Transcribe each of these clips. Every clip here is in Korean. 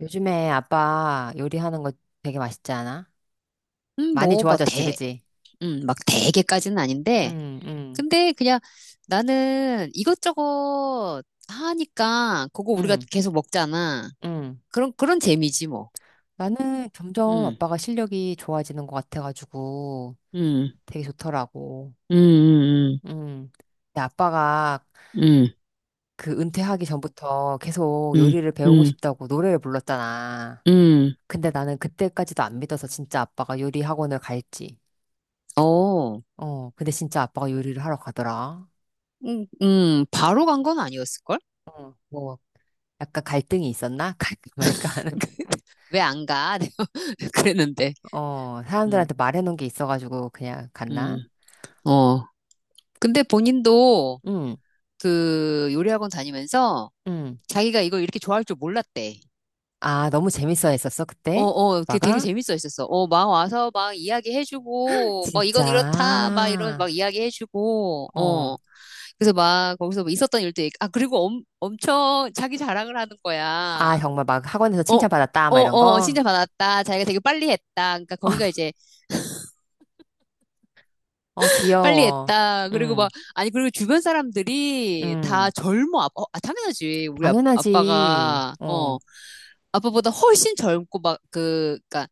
요즘에 아빠 요리하는 거 되게 맛있지 않아? 많이 뭐, 뭐, 좋아졌지, 그지? 막 대개까지는 아닌데, 응, 응, 근데 그냥 나는 이것저것 하니까 그거 우리가 응, 계속 먹잖아. 응. 그런 재미지, 뭐. 나는 점점 음, 아빠가 실력이 좋아지는 것 같아가지고 음, 되게 좋더라고. 음, 음, 응. 근데 아빠가 음, 그 은퇴하기 전부터 계속 음, 요리를 배우고 음, 싶다고 노래를 불렀잖아. 음, 음. 근데 나는 그때까지도 안 믿어서 진짜 아빠가 요리 학원을 갈지. 어, 어, 근데 진짜 아빠가 요리를 하러 가더라. 바로 간 건 아니었을걸? 어, 뭐, 약간 갈등이 있었나? 갈까 말까 하는. 왜 안 가? 그랬는데. 어, 음, 사람들한테 말해놓은 게 있어가지고 그냥 갔나? 음, 어. 근데 본인도 응, 그 요리학원 다니면서 응. 자기가 이걸 이렇게 좋아할 줄 몰랐대. 아, 너무 재밌어 했었어, 어, 그때? 어, 그게 되게 오빠가? 재밌어 했었어. 어, 막 와서 막 이야기해주고, 막 진짜. 이건 이렇다, 막 이런 막 이야기해주고, 어. 어. 그래서 막 거기서 뭐 있었던 일도 그리고 엄청 자기 자랑을 하는 거야. 아, 정말 막 학원에서 어, 칭찬받았다, 어, 막 이런 어, 거? 칭찬받았다. 자기가 되게 빨리 했다. 그러니까 거기가 이제 어, 빨리 귀여워. 했다. 그리고 응, 막, 아니, 그리고 주변 사람들이 응. 다 젊어. 아빠, 당연하지. 우리 아, 당연하지. 아빠가, 어, 어, 아빠보다 훨씬 젊고 막 그니까,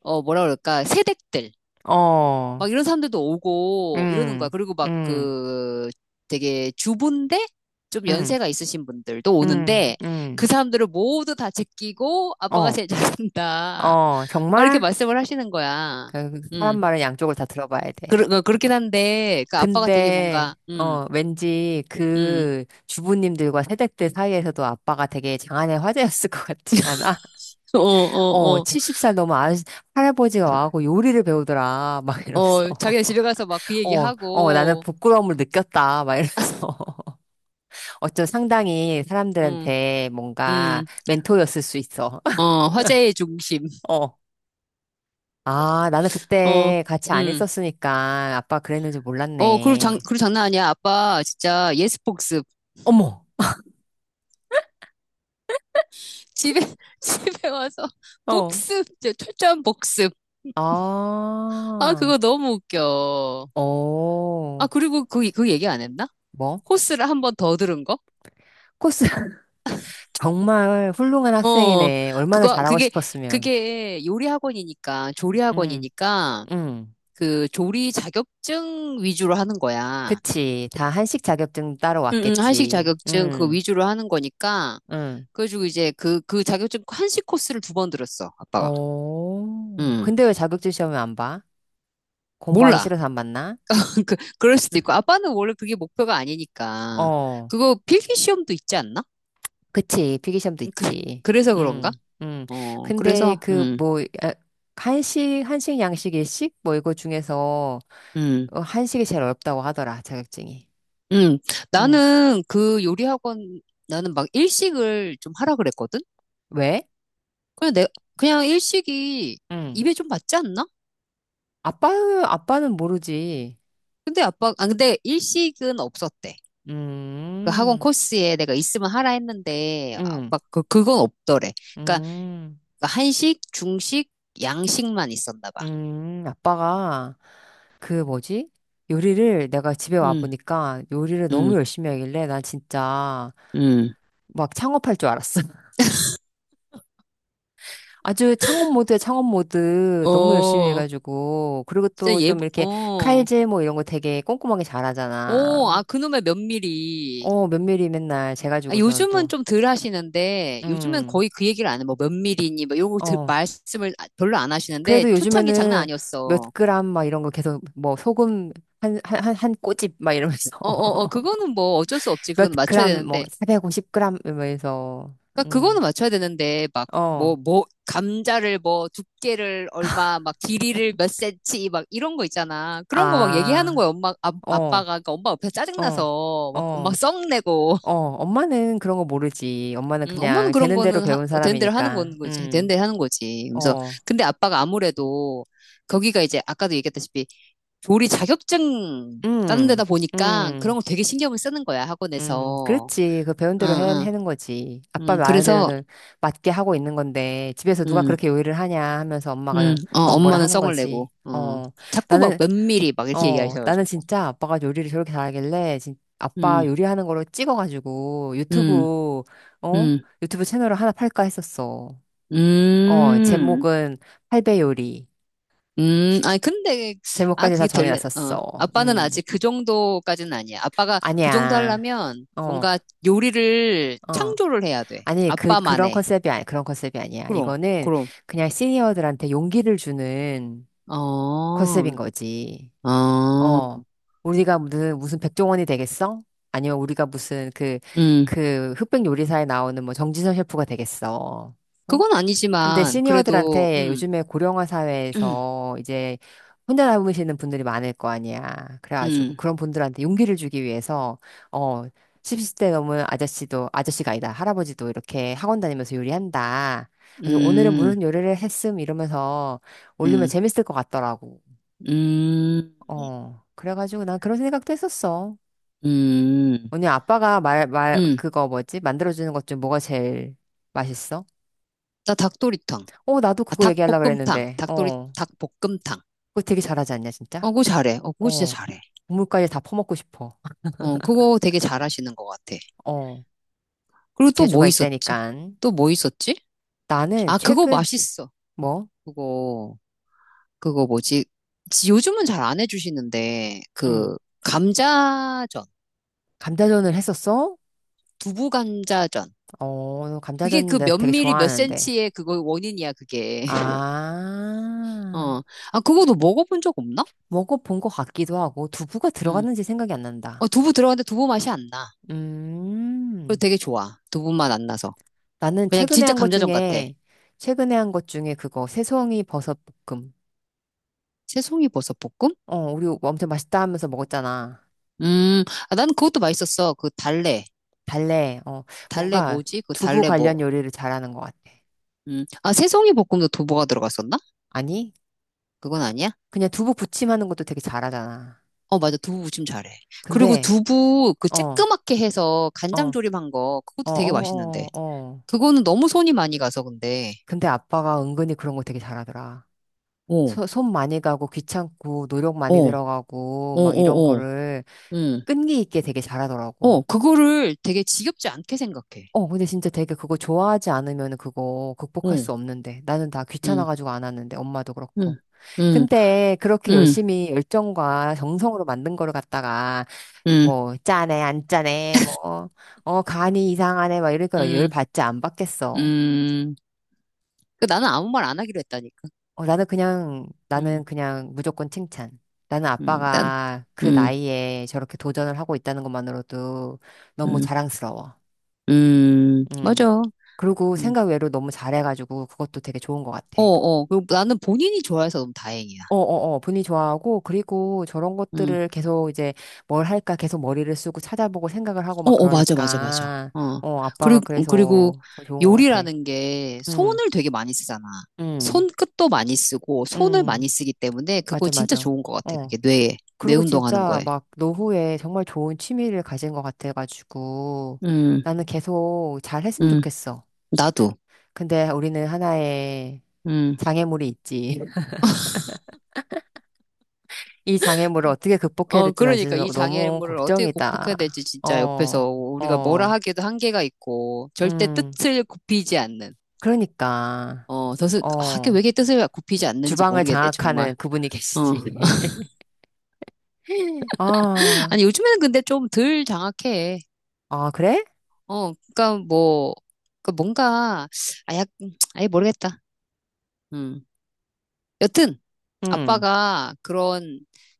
뭐라 그럴까, 세댁들. 어, 막 이런 사람들도 오고 이러는 거야. 응, 그리고 막 응, 그 되게 주부인데 좀 응, 연세가 있으신 분들도 응, 오는데 그 응. 사람들을 모두 다 제끼고 아빠가 어, 제일 잘한다. 어, 막 이렇게 정말? 말씀을 하시는 거야. 그 사람 음. 말은 양쪽을 다 들어봐야 돼. 그렇긴 한데 그 아빠가 되게 근데, 뭔가. 어, 왠지 음. 그 주부님들과 세대들 사이에서도 아빠가 되게 장안의 화제였을 것 같지 않아? 어, 어, 어, 어. 70살 넘은 아, 할아버지가 와갖고 요리를 배우더라. 막 이러면서. 자기네 집에 가서 막 그 어, 어, 나는 얘기하고 부끄러움을 느꼈다. 막 이러면서. 어쩜 상당히 음, 사람들한테 뭔가 음. 멘토였을 수 있어. 화제의 중심. 어. 아, 나는 어, 그때 같이 안 음. 있었으니까 아빠 그랬는지 몰랐네. 그리고 장난 아니야. 아빠 진짜 예스폭스 어머! 집에, 집에 와서 어. 복습, 이제 철저한 복습. 아, 아. 그거 너무 웃겨. 아, 어, 그리고 그 얘기 안 했나? 뭐? 코스를 한 번 더 들은 거? 코스 정말 훌륭한 어, 학생이네. 얼마나 그거, 잘하고 그게, 싶었으면. 그게 요리 학원이니까, 조리 응, 학원이니까, 응. 그 조리 자격증 위주로 하는 거야. 그치. 다 한식 자격증 따러 응, 응, 한식 왔겠지. 자격증 그거 응, 위주로 하는 거니까, 응. 그래가지고 이제 그 자격증 한식 코스를 두 번 들었어, 아빠가. 어, 응, 근데 왜 자격증 시험을 안 봐? 공부하기 몰라. 싫어서 안 봤나? 그럴 수도 있고, 아빠는 원래 그게 목표가 아니니까. 어, 그거 필기 시험도 있지 않나? 그치. 필기시험도 그, 있지. 그래서 그런가? 응, 응. 어, 근데 그래서, 그 뭐, 아, 한식, 양식, 일식? 뭐 이거 중에서 음, 어, 한식이 제일 어렵다고 하더라, 자격증이. 음. 응. 나는 그 요리 학원, 나는 막 일식을 좀 하라 그랬거든? 왜? 그냥 내, 그냥 일식이 응. 입에 좀 맞지 않나? 아빠, 아빠는 모르지. 근데 일식은 없었대. 그 학원 음, 코스에 내가 있으면 하라 했는데, 음, 아빠, 그건 없더래. 그러니까 음, 한식, 중식, 양식만 있었나 봐. 아빠가 그 뭐지? 요리를 내가 집에 와 음, 보니까 요리를 음, 너무 열심히 하길래 난 진짜 음. 막 창업할 줄 알았어. 아주 창업 모드에 창업 모드 너무 열심히 어, 해가지고 그리고 진짜 또 예 좀 이렇게 어, 칼질 뭐 이런 거 되게 꼼꼼하게 오, 잘하잖아. 아, 그놈의 몇 미리. 어, 면밀히 맨날 아, 재가지고서는 요즘은 또. 좀 덜 하시는데, 요즘은 음. 거의 그 얘기를 안 해. 뭐 몇 미리니, 뭐 요거 어. 말씀을 별로 안 하시는데, 그래도 초창기 장난 요즘에는 몇 아니었어. 그램 막 이런 거 계속 뭐 소금 한 꼬집 막 이러면서 어, 어, 어, 그거는 뭐 어쩔 수 없지. 몇 그건 맞춰야 그램 뭐 되는데. 450그램 이러면서 그니까 그거는 맞춰야 되는데, 막, 어. 뭐, 뭐, 감자를 뭐, 두께를 얼마, 막, 길이를 몇 센치, 막, 이런 거 있잖아. 그런 거 막 얘기하는 아. 거야, 어. 아빠가. 그러니까 엄마 옆에 어. 짜증나서, 막, 엄마 어. 썩 내고. 어. 엄마는 그런 거 모르지. 엄마는 엄마는 그냥 그런 되는 대로 거는 배운 되는 대로 하는 사람이니까. 건 거지. 되는 음. 대로 하는 거지. 그래서 어. 근데 아빠가 아무래도 거기가 이제 아까도 얘기했다시피 조리 자격증 따는 데다 음. 보니까 그런 음. 거 되게 신경을 쓰는 거야, 학원에서. 그렇지. 그 배운 응, 대로 해, 응, 해는 거지. 아빠 응. 말하는 그래서, 대로는 맞게 하고 있는 건데, 집에서 누가 응, 그렇게 요리를 하냐 하면서 응, 엄마가 어, 막 뭐라 엄마는 하는 성을 거지. 내고, 어, 자꾸 막 나는, 면밀히 막 이렇게 나는 얘기하셔가지고. 진짜 아빠가 요리를 저렇게 잘하길래, 진, 응, 아빠 요리하는 거로 찍어가지고 응, 유튜브, 어? 응, 유튜브 채널을 하나 팔까 했었어. 어, 음. 제목은 팔배 요리. 아니, 근데, 아, 제목까지 다 그게 될래, 어. 정해놨었어. 아빠는 아직 그 정도까지는 아니야. 아빠가 그 정도 아니야. 하려면 어, 뭔가 요리를 어. 창조를 해야 돼. 아니, 그, 그런 아빠만의. 컨셉이 아니, 그런 컨셉이 아니야. 그럼, 이거는 그럼. 그냥 시니어들한테 용기를 주는 어, 컨셉인 거지. 어. 어, 우리가 무슨 백종원이 되겠어? 아니면 우리가 무슨 그, 음. 그 흑백 요리사에 나오는 뭐 정지선 셰프가 되겠어. 응? 그건 근데 아니지만, 그래도, 시니어들한테 요즘에 고령화 음, 사회에서 이제 혼자 남으시는 분들이 많을 거 아니야. 그래가지고 음, 그런 분들한테 용기를 주기 위해서 어 70대 넘은 아저씨도 아저씨가 아니다 할아버지도 이렇게 학원 다니면서 요리한다. 그래서 오늘은 음, 무슨 요리를 했음 이러면서 올리면 음, 재밌을 것 같더라고. 음, 어 그래가지고 난 그런 생각도 했었어. 음, 언니 아빠가 말 음. 그거 뭐지 만들어주는 것 중 뭐가 제일 맛있어? 나 닭도리탕. 어 나도 아, 그거 얘기하려고 닭볶음탕. 그랬는데. 닭도리, 어 닭볶음탕. 그거 되게 잘하지 않냐, 어, 진짜? 그거 잘해. 어, 그거 진짜 어. 잘해. 국물까지 다 퍼먹고 싶어. 어, 그거 되게 잘하시는 것 같아. 어. 그리고 또 뭐 재주가 있었지? 있다니까. 또 뭐 있었지? 나는 아, 그거 최근, 맛있어. 뭐? 그거, 그거 뭐지? 요즘은 잘 안 해주시는데, 응. 그, 감자전, 감자전을 했었어? 두부 감자전. 어, 그게 감자전 그 내가 몇 되게 미리 몇 좋아하는데. 센치의 그거 원인이야, 그게. 아, 어. 아, 그거도 먹어본 적 없나? 먹어본 것 같기도 하고, 두부가 음 들어갔는지 생각이 안 난다. 두부 들어갔는데 두부 맛이 안 나. 그거 음, 되게 좋아. 두부 맛 안 나서. 나는 그냥 최근에 진짜 한 것 감자전 같아. 중에, 최근에 한 것 중에 그거, 새송이 버섯 볶음. 새송이 버섯 볶음? 어, 우리 엄청 맛있다 하면서 먹었잖아. 음, 아, 난 그것도 맛있었어. 그 달래. 달래. 어, 달래 뭔가 뭐지? 그 두부 달래 뭐. 관련 요리를 잘하는 것 같아. 음. 아, 새송이 볶음도 두부가 들어갔었나? 아니? 그건 아니야? 그냥 두부 부침하는 것도 되게 잘하잖아. 어, 맞아. 두부 무침 잘해. 그리고 근데, 두부 그 어, 어, 쬐끄맣게 해서 어, 간장 어, 조림한 거, 그것도 어, 되게 맛있는데. 어. 어. 그거는 너무 손이 많이 가서 근데. 근데 아빠가 은근히 그런 거 되게 잘하더라. 어, 소- 손 많이 가고 귀찮고 노력 어, 많이 어, 들어가고 막 이런 어, 어. 거를 응. 끈기 있게 되게 잘하더라고. 어, 그거를 되게 지겹지 않게 생각해. 어, 근데 진짜 되게 그거 좋아하지 않으면 그거 극복할 수 어, 없는데. 나는 다 응, 귀찮아가지고 안 하는데, 엄마도 응, 그렇고. 응, 근데 그렇게 응, 열심히 열정과 정성으로 만든 거를 갖다가, 응, 뭐, 짜네, 안 짜네, 뭐, 어, 간이 이상하네, 막 이러니까 열 응, 받지 안 받겠어. 응. 그 나는 아무 말 안 하기로 했다니까. 어, 나는 그냥, 응, 나는 그냥 무조건 칭찬. 나는 응, 아빠가 그 응, 나이에 저렇게 도전을 하고 있다는 것만으로도 너무 응. 자랑스러워. 응 음. 맞아. 그리고 음. 생각 외로 너무 잘해가지고 그것도 되게 좋은 것 같아. 어, 어. 그리고 나는 본인이 좋아해서 너무 다행이야. 어어어, 분위 좋아하고, 그리고 저런 음. 것들을 계속 이제 뭘 할까 계속 머리를 쓰고 찾아보고 생각을 하고 어, 막 어, 맞아, 맞아, 맞아. 그러니까, 어. 어, 아빠가 그리고 그래서 더 좋은 것 같아. 요리라는 게 응, 손을 되게 많이 쓰잖아. 응, 손끝도 많이 쓰고, 손을 응, 많이 쓰기 때문에 그거 맞아, 진짜 맞아. 좋은 것 같아. 어. 그게 뇌 그리고 운동하는 진짜 거에. 막 노후에 정말 좋은 취미를 가진 것 같아가지고, 음, 나는 계속 잘 했으면 음. 좋겠어. 나도. 근데 우리는 하나의 음. 장애물이 있지. 이 장애물을 어떻게 극복해야 어, 될지 난 그러니까 진짜 이 너무 장애물을 어떻게 걱정이다. 극복해야 될지 진짜 어, 옆에서 우리가 뭐라 어, 하기에도 한계가 있고, 절대 음, 뜻을 굽히지 않는. 그러니까, 어, 뜻을, 하게 왜 어, 이렇게 뜻을 굽히지 않는지 주방을 모르겠네, 정말. 장악하는 그분이 어. 계시지. 아, 아니, 요즘에는 근데 좀 덜 장악해. 아, 그래? 어, 그러니까 뭐, 그 뭔가, 아 약, 아예 모르겠다. 음. 여튼, 응, 아빠가 그런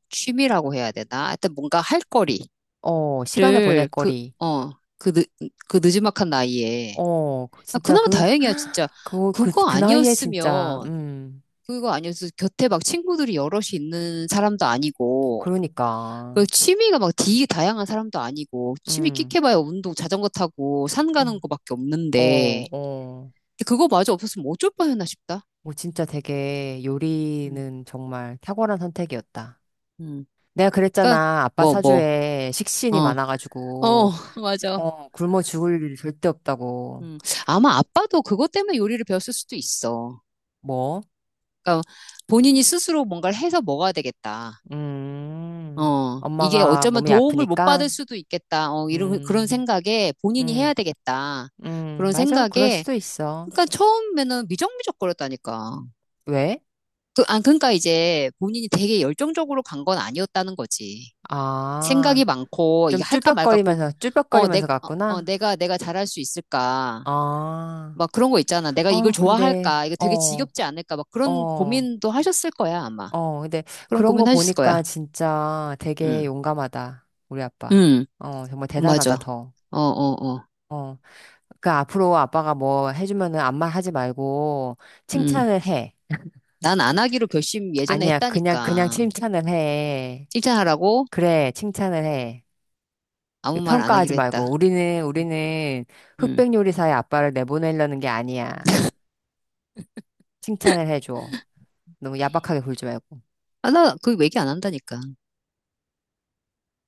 취미라고 해야 되나? 하여튼 뭔가 할 거리를 어, 시간을 보낼 그, 거리. 어, 그, 늦, 그 느지막한 나이에. 어, 그- 아, 진짜 그나마 그, 다행이야, 진짜. 그, 그, 그거 그 나이에 진짜, 아니었으면, 그거 아니었으면 곁에 막 친구들이 여럿이 있는 사람도 아니고, 그러니까, 그 취미가 막 되게 다양한 사람도 아니고 취미 음, 끽해봐야 운동, 자전거 타고 산 음, 가는 거밖에 없는데 어, 어, 그거마저 없었으면 어쩔 뻔했나 싶다. 뭐 진짜 되게 음, 요리는 정말 탁월한 선택이었다. 음. 내가 그러니까 그랬잖아. 아빠 뭐 뭐, 사주에 어, 식신이 어, 많아가지고, 맞아. 어, 굶어 죽을 일 절대 없다고. 음. 아마 아빠도 그것 때문에 요리를 배웠을 수도 있어. 뭐? 그러니까 본인이 스스로 뭔가를 해서 먹어야 되겠다. 어, 이게 엄마가 어쩌면 몸이 도움을 못 아프니까? 받을 수도 있겠다. 어, 이런 그런 음, 생각에 본인이 해야 음, 되겠다. 그런 맞아. 그럴 생각에 수도 있어. 그러니까 처음에는 미적미적거렸다니까. 왜? 그러니까 이제 본인이 되게 열정적으로 간 건 아니었다는 거지. 생각이 아, 많고, 좀 이거 할까 말까 쭈뼛거리면서, 어, 내, 쭈뼛거리면서 어, 어, 갔구나? 내가, 내가 잘할 수 있을까. 아, 막 그런 거 있잖아. 내가 이걸 아, 근데, 좋아할까. 이거 되게 어, 지겹지 않을까. 막 그런 어, 고민도 하셨을 거야, 아마. 어, 근데 그런 그런 거 고민 하셨을 보니까 거야. 진짜 되게 응, 용감하다. 우리 아빠. 응, 어, 정말 대단하다, 맞아. 더. 어, 어, 어, 어. 그 앞으로 아빠가 뭐 해주면은 아무 말 하지 말고 응. 칭찬을 해. 난 안 하기로 결심 예전에 아니야, 그냥 했다니까. 칭찬을 해. 칭찬하라고 그래, 칭찬을 해. 아무 말 안 평가하지 하기로 했다. 말고 우리는 응. 흑백 요리사의 아빠를 내보내려는 게 아니야. 칭찬을 해줘. 너무 야박하게 굴지 말고. 아, 나 그 얘기 안 한다니까.